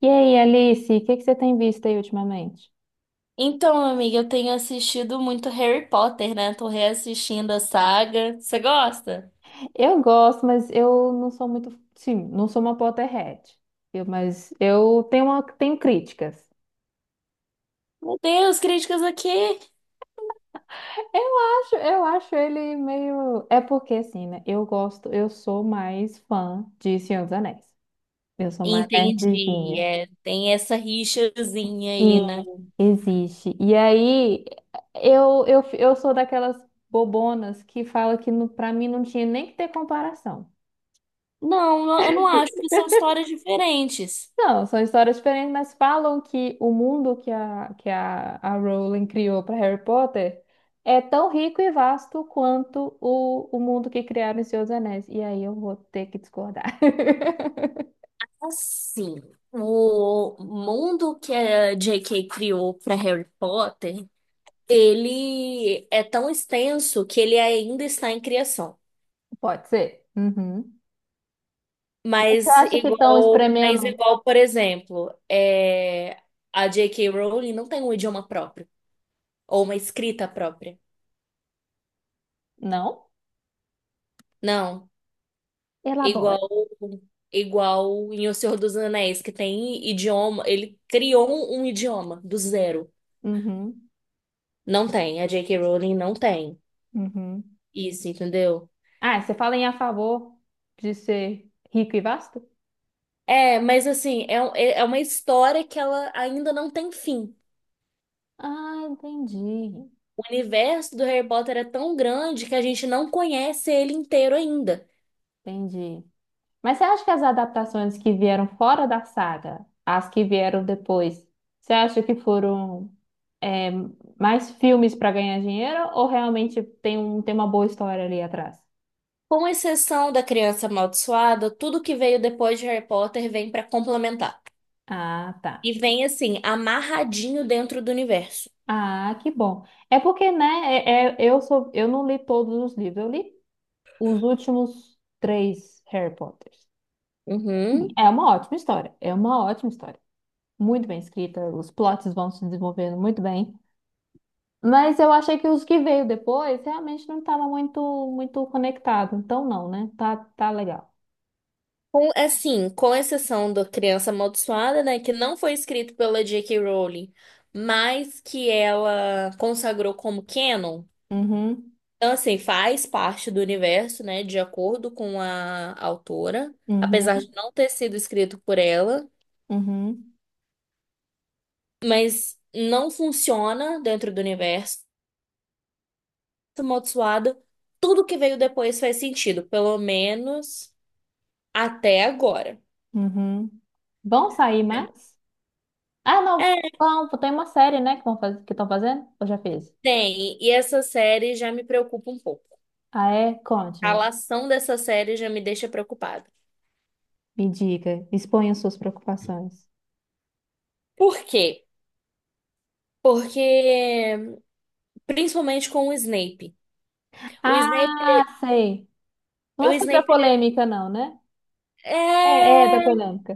E aí, Alice, o que que você tem visto aí ultimamente? Então, amiga, eu tenho assistido muito Harry Potter, né? Tô reassistindo a saga. Você gosta? Eu gosto, mas eu não sou muito, sim, não sou uma Potterhead. Mas eu tenho tenho críticas. Meu Deus, críticas aqui. Eu eu acho ele meio, é porque assim, né? Eu gosto, eu sou mais fã de Senhor dos Anéis. Eu sou mais Entendi, nerdzinha. é, tem essa rixazinha aí, Sim. né? Existe. E aí, eu sou daquelas bobonas que fala que pra mim não tinha nem que ter comparação. Não, eu não acho que são histórias diferentes. Não, são histórias diferentes, mas falam que o mundo a Rowling criou para Harry Potter é tão rico e vasto quanto o mundo que criaram em Senhor dos Anéis. E aí eu vou ter que discordar. Assim, o mundo que a J.K. criou para Harry Potter, ele é tão extenso que ele ainda está em criação. Pode ser? Uhum. Você Mas acha que estão igual, mas espremendo? igual, por exemplo, a J.K. Rowling não tem um idioma próprio ou uma escrita própria. Não? Não. Elabora. Igual, igual em O Senhor dos Anéis, que tem idioma, ele criou um idioma do zero. Uhum. Não tem, a J.K. Rowling não tem. Uhum. Isso, entendeu? Ah, você fala em a favor de ser rico e vasto? É, mas assim, é uma história que ela ainda não tem fim. Ah, entendi. O universo do Harry Potter é tão grande que a gente não conhece ele inteiro ainda. Entendi. Mas você acha que as adaptações que vieram fora da saga, as que vieram depois, você acha que foram é, mais filmes para ganhar dinheiro ou realmente tem uma boa história ali atrás? Com exceção da Criança Amaldiçoada, tudo que veio depois de Harry Potter vem pra complementar. Ah, E tá. vem assim, amarradinho dentro do universo. Ah, que bom. É porque, né, eu não li todos os livros, eu li os últimos três Harry Potters. Uhum. É uma ótima história, é uma ótima história. Muito bem escrita, os plots vão se desenvolvendo muito bem. Mas eu achei que os que veio depois realmente não estava muito muito conectado. Então não, né? Tá, tá legal. Com, assim, com exceção da Criança Amaldiçoada, né, que não foi escrito pela J.K. Rowling, mas que ela consagrou como canon. Uhum, Então, assim, faz parte do universo, né, de acordo com a autora, apesar de uhum, não ter sido escrito por ela, uhum, mas não funciona dentro do universo. Amaldiçoada. Tudo que veio depois faz sentido, pelo menos até agora. uhum. Vão sair mais? Ah, não. É, Bom, tem uma série, né, que que estão fazendo? Eu já fiz. tem. E essa série já me preocupa um pouco. Ah, é? A Conte-me. lação dessa série já me deixa preocupada. Me diga. Exponha suas preocupações. Por quê? Porque, principalmente com o Snape. O Snape, Ah, sei. o Não é sobre a Snape, polêmica, não, né? É, é da é... polêmica.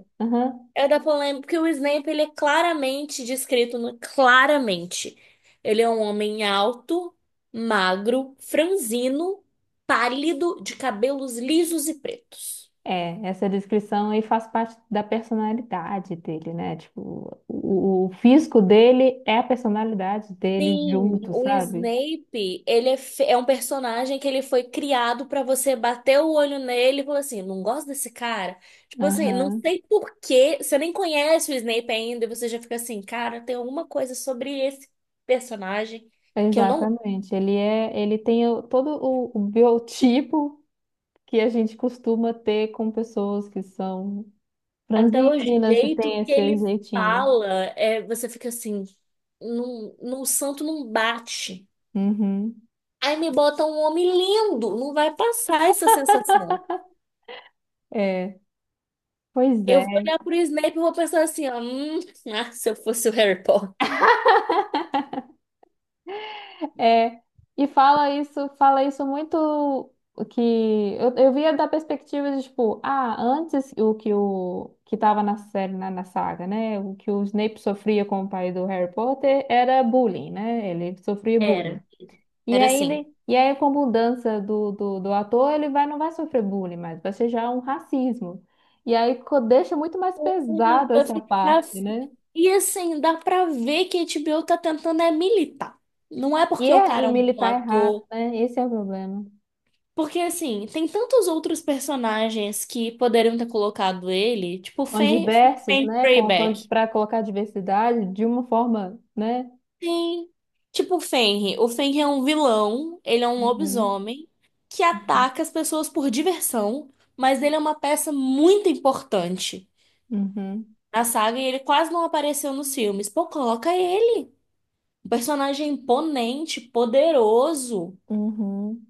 É da polêmica, porque o Snape, ele é claramente descrito, claramente. Ele é um homem alto, magro, franzino, pálido, de cabelos lisos e pretos. É, essa descrição aí faz parte da personalidade dele, né? Tipo, o físico dele é a personalidade dele Sim, junto, o sabe? Snape, ele é, é um personagem que ele foi criado pra você bater o olho nele e falar assim, não gosto desse cara. Tipo assim, não Aham, sei por quê, você nem conhece o Snape ainda e você já fica assim, cara, tem alguma coisa sobre esse personagem que eu não. exatamente. Ele é, ele tem todo o biotipo que a gente costuma ter com pessoas que são Até o franzinas e tem jeito que esse ele jeitinho. fala, é, você fica assim, num santo não bate. Uhum, Aí me bota um homem lindo, não vai passar essa sensação. é, pois Eu é. vou olhar pro Snape e vou pensar assim, ó, ah, se eu fosse o Harry Potter. É, e fala isso muito que eu via da perspectiva de tipo, ah, antes o que tava na série, na saga, né? O que o Snape sofria com o pai do Harry Potter era bullying, né? Ele sofria bullying. Era. E Era aí, assim. ele, e aí com a mudança do ator, não vai sofrer bullying mais, vai ser já um racismo. E aí deixa muito mais E pesado vai essa ficar... parte, assim. né? E assim, dá pra ver que a HBO tá tentando é militar. Não é E, porque o e cara é um bom militar errado, ator. né? Esse é o problema. Porque, assim, tem tantos outros personagens que poderiam ter colocado ele, tipo Com diversos, Fen né? Freyback. Para colocar diversidade de uma forma, né? Sim. Tipo o Fenrir. O Fenrir é um vilão, ele é um Uhum, lobisomem que uhum, ataca as pessoas por diversão, mas ele é uma peça muito importante uhum. na saga e ele quase não apareceu nos filmes. Pô, coloca ele. Um personagem imponente, poderoso. Uhum.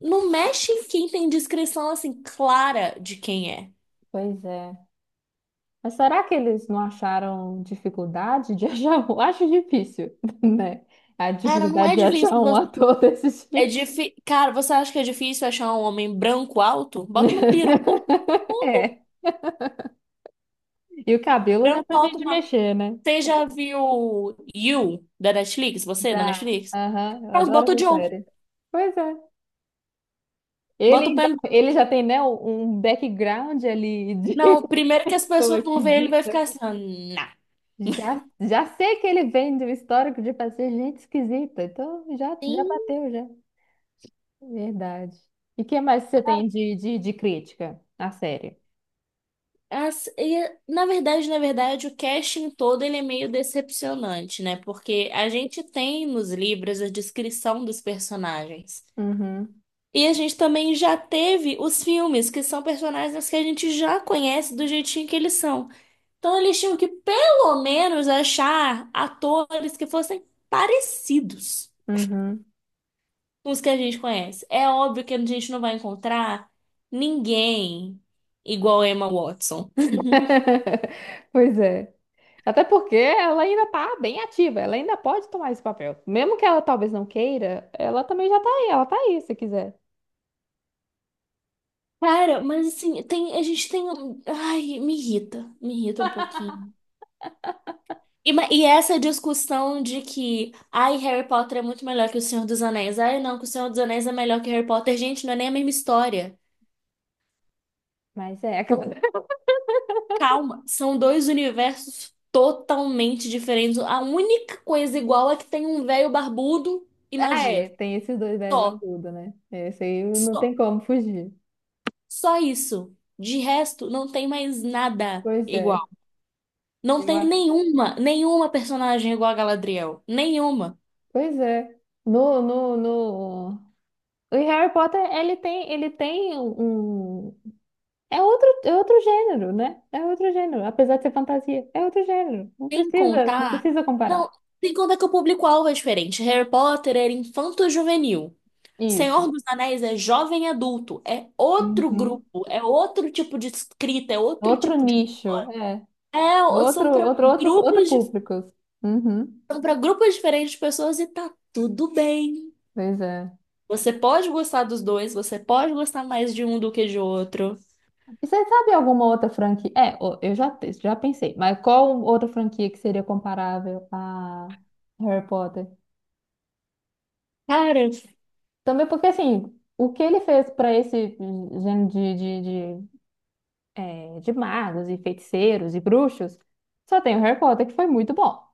Não mexe em quem tem descrição, assim, clara de quem é. Pois é. Mas será que eles não acharam dificuldade de achar um? Acho difícil, né? A Cara, não dificuldade é de achar difícil. um ator desse É tipo. difícil. Cara, você acha que é difícil achar um homem branco alto? Bota uma peruca, tipo, É. E o cabelo dá branco pra alto, gente uma. mexer, né? Você já viu You da Netflix? Você da Já. Netflix? Aham, eu Pronto, adoro bota o essa Joe. série. Pois é. Bota o Pam. Ele já tem, né, um background ali de Não, primeiro que as Pô, pessoas vão ver ele vai ficar acredita? assim, ó, nah. Já, já sei que ele vem do histórico de fazer gente esquisita. Então já, já Sim, bateu, já. Verdade. E o que mais você tem de crítica à série? Na verdade, o casting todo ele é meio decepcionante, né? Porque a gente tem nos livros a descrição dos personagens. Uhum, E a gente também já teve os filmes, que são personagens que a gente já conhece do jeitinho que eles são. Então eles tinham que, pelo menos, achar atores que fossem parecidos uhum. com os que a gente conhece. É óbvio que a gente não vai encontrar ninguém igual a Emma Watson. Pois é. Até porque ela ainda tá bem ativa, ela ainda pode tomar esse papel. Mesmo que ela talvez não queira, ela também já tá aí, ela tá aí se quiser. Cara, mas assim, tem, a gente tem. Ai, me irrita. Me irrita um pouquinho. E essa discussão de que, ai, Harry Potter é muito melhor que O Senhor dos Anéis, ai, não, que O Senhor dos Anéis é melhor que Harry Potter, gente, não é nem a mesma história. Mas é, aquela- Calma, são dois universos totalmente diferentes. A única coisa igual é que tem um velho barbudo e ah, é, magia. tem esses dois bebés Só, barbudo, né? Esse aí não tem só, como fugir. só isso. De resto, não tem mais nada Pois é. igual. Não Eu tem nenhuma personagem igual a Galadriel. Nenhuma. Pois é. No, no, no... O Harry Potter, ele tem um... é outro gênero, né? É outro gênero. Apesar de ser fantasia, é outro gênero. Não Sem precisa, não contar. precisa comparar. Não, sem contar que o público-alvo é diferente. Harry Potter era infanto-juvenil. Isso. Senhor dos Anéis é jovem adulto. É outro Uhum. grupo, é outro tipo de escrita, é outro Outro tipo de. nicho, é. É, Outro, são para outro, outros, outro grupos, público. Uhum. são para grupos diferentes de pessoas e tá tudo bem. Pois é. Você pode gostar dos dois, você pode gostar mais de um do que de outro. E você sabe alguma outra franquia? Já pensei. Mas qual outra franquia que seria comparável a Harry Potter? Cara, Também porque, assim, o que ele fez para esse gênero de, de magos e feiticeiros e bruxos, só tem o Harry Potter, que foi muito bom.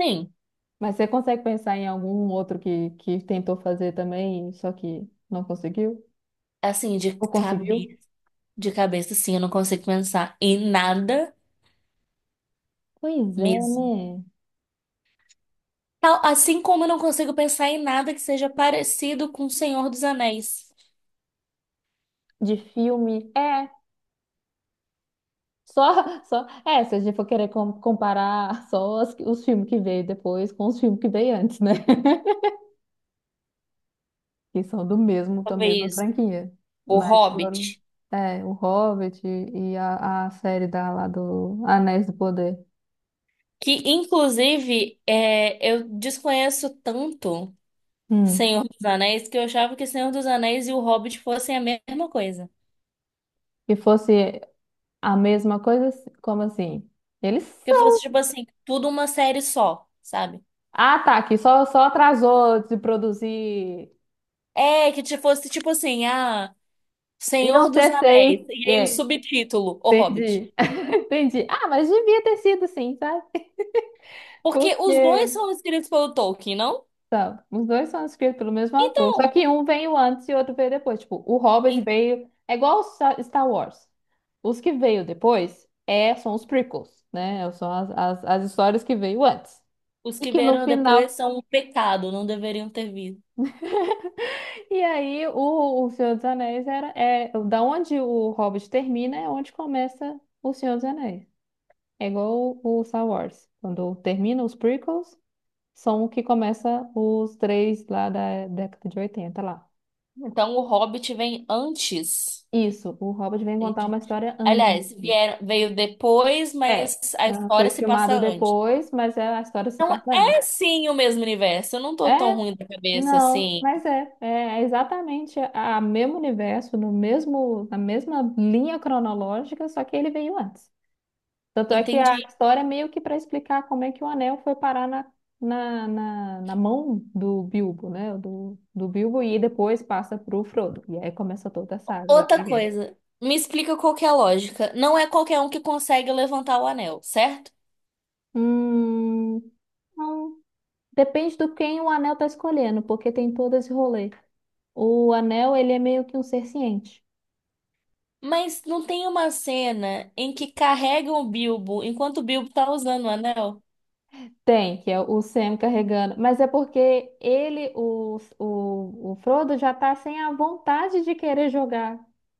sim, Mas você consegue pensar em algum outro que tentou fazer também, só que não conseguiu? assim, de Ou conseguiu? cabeça, de cabeça, sim, eu não consigo pensar em nada Pois é, mesmo. né? Assim como eu não consigo pensar em nada que seja parecido com O Senhor dos Anéis. De filme, é. É, se a gente for querer comparar só os filmes que veio depois com os filmes que veio antes, né? Que são do mesmo, da mesma Talvez franquia. O Mas foram, Hobbit. é, o Hobbit e a série da, lá do Anéis do Poder. Que, inclusive, é, eu desconheço tanto Hum. Senhor dos Anéis que eu achava que Senhor dos Anéis e O Hobbit fossem a mesma coisa. Que fosse a mesma coisa, como assim? Eles Que fosse, são. tipo assim, tudo uma série só, sabe? Ah, tá, que só, só atrasou de produzir. É, fosse, tipo assim, ah, Iam Senhor dos ser Anéis. seis. E aí o É, subtítulo, O Hobbit. entendi. Entendi. Ah, mas devia ter sido sim, sabe? Porque os dois Porque são escritos pelo Tolkien, não? Tá, os dois são escritos pelo mesmo autor, só Então. que um veio antes e outro veio depois. Tipo, o Hobbit veio. É igual o Star Wars. Os que veio depois é, são os prequels, né? São as, as, as histórias que veio antes. Os E que que no vieram final. depois são um pecado, não deveriam ter vindo. E aí, o Senhor dos Anéis era. É, da onde o Hobbit termina é onde começa o Senhor dos Anéis. É igual o Star Wars. Quando termina os prequels, são o que começa os três lá da década de 80 lá. Então o Hobbit vem antes. Isso, o Hobbit vem contar uma Entendi. história Aliás, antes. vieram, veio depois, É, mas a ela foi história se passa filmado antes. depois, mas a história se Então passa antes. é sim o mesmo universo. Eu não É, tô tão ruim da cabeça não, assim. mas é exatamente a mesmo universo, no mesmo, na mesma linha cronológica, só que ele veio antes. Tanto é que a Entendi. história é meio que para explicar como é que o anel foi parar na mão do Bilbo, né? Do Bilbo e depois passa pro Frodo. E aí começa toda a saga lá. Da Outra guerra. coisa, me explica qual que é a lógica. Não é qualquer um que consegue levantar o anel, certo? Hum, não. Depende do quem o anel tá escolhendo, porque tem todo esse rolê. O anel, ele é meio que um ser ciente. Mas não tem uma cena em que carregam o Bilbo enquanto o Bilbo tá usando o anel? Tem, que é o Sam carregando. Mas é porque ele, o Frodo, já tá sem a vontade de querer jogar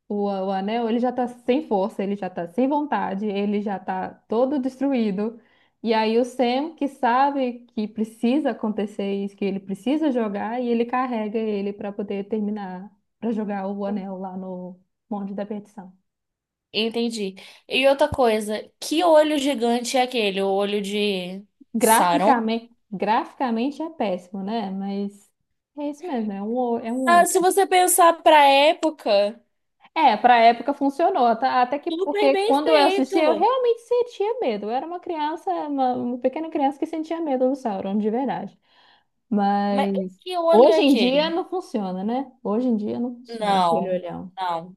o anel. Ele já tá sem força, ele já tá sem vontade, ele já tá todo destruído. E aí o Sam, que sabe que precisa acontecer isso, que ele precisa jogar, e ele carrega ele para poder terminar, para jogar o anel lá no Monte da Perdição. Entendi. E outra coisa, que olho gigante é aquele? O olho de Sauron? Graficamente, é péssimo, né? Mas é isso mesmo, Ah, se você pensar pra época, É, pra época funcionou, tá? Até que super porque bem quando eu assisti, eu feito. realmente sentia medo. Eu era uma criança, uma pequena criança que sentia medo do Sauron, de verdade. Mas Mas que olho é hoje em dia aquele? não funciona, né? Hoje em dia não funciona aquele Não, olhão. não.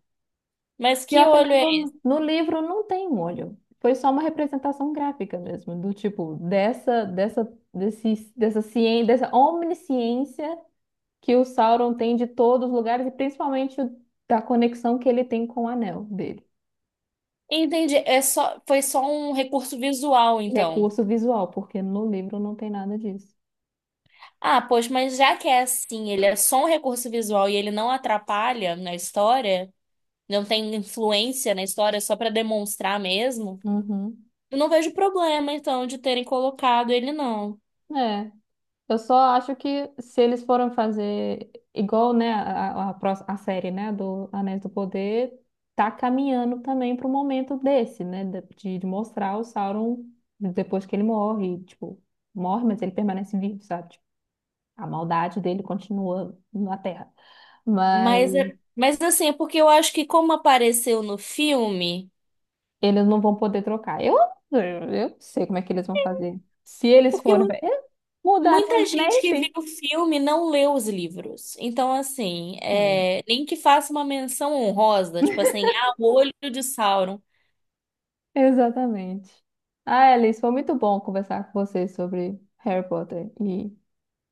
Mas que Pior que olho é? no, no livro não tem um olho. Foi só uma representação gráfica mesmo, do tipo dessa ciência, dessa omnisciência que o Sauron tem de todos os lugares e principalmente da conexão que ele tem com o anel dele. Entendi. É só, foi só um recurso visual, então. Recurso visual, porque no livro não tem nada disso. Ah, poxa, mas já que é assim, ele é só um recurso visual e ele não atrapalha na história, não tem influência na história, é só pra demonstrar mesmo. Uhum. Eu não vejo problema, então, de terem colocado ele, não. É. Eu só acho que se eles foram fazer igual, né, a série, né, do Anéis do Poder, tá caminhando também para o momento desse, né, de mostrar o Sauron depois que ele morre, tipo, morre, mas ele permanece vivo, sabe? Tipo, a maldade dele continua na Terra. Mas, mas assim, é porque eu acho que como apareceu no filme, Eles não vão poder trocar. Eu eu não sei como é que eles vão fazer. Se eles porque forem. Eles mudaram o muita gente que viu Snape? o filme não leu os livros. Então, assim, Hum, é, nem que faça uma menção honrosa, tipo assim, ah, o olho de Sauron. Exatamente. Ah, Alice, foi muito bom conversar com você sobre Harry Potter e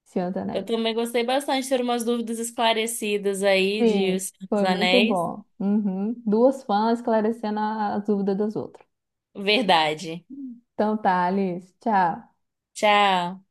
Senhor dos Eu Anéis. também gostei bastante de ter umas dúvidas esclarecidas aí de O Sim, Senhor dos foi muito Anéis. bom. Uhum. Duas fãs esclarecendo as dúvidas das outras. Verdade. Então tá, Alice. Tchau. Tchau.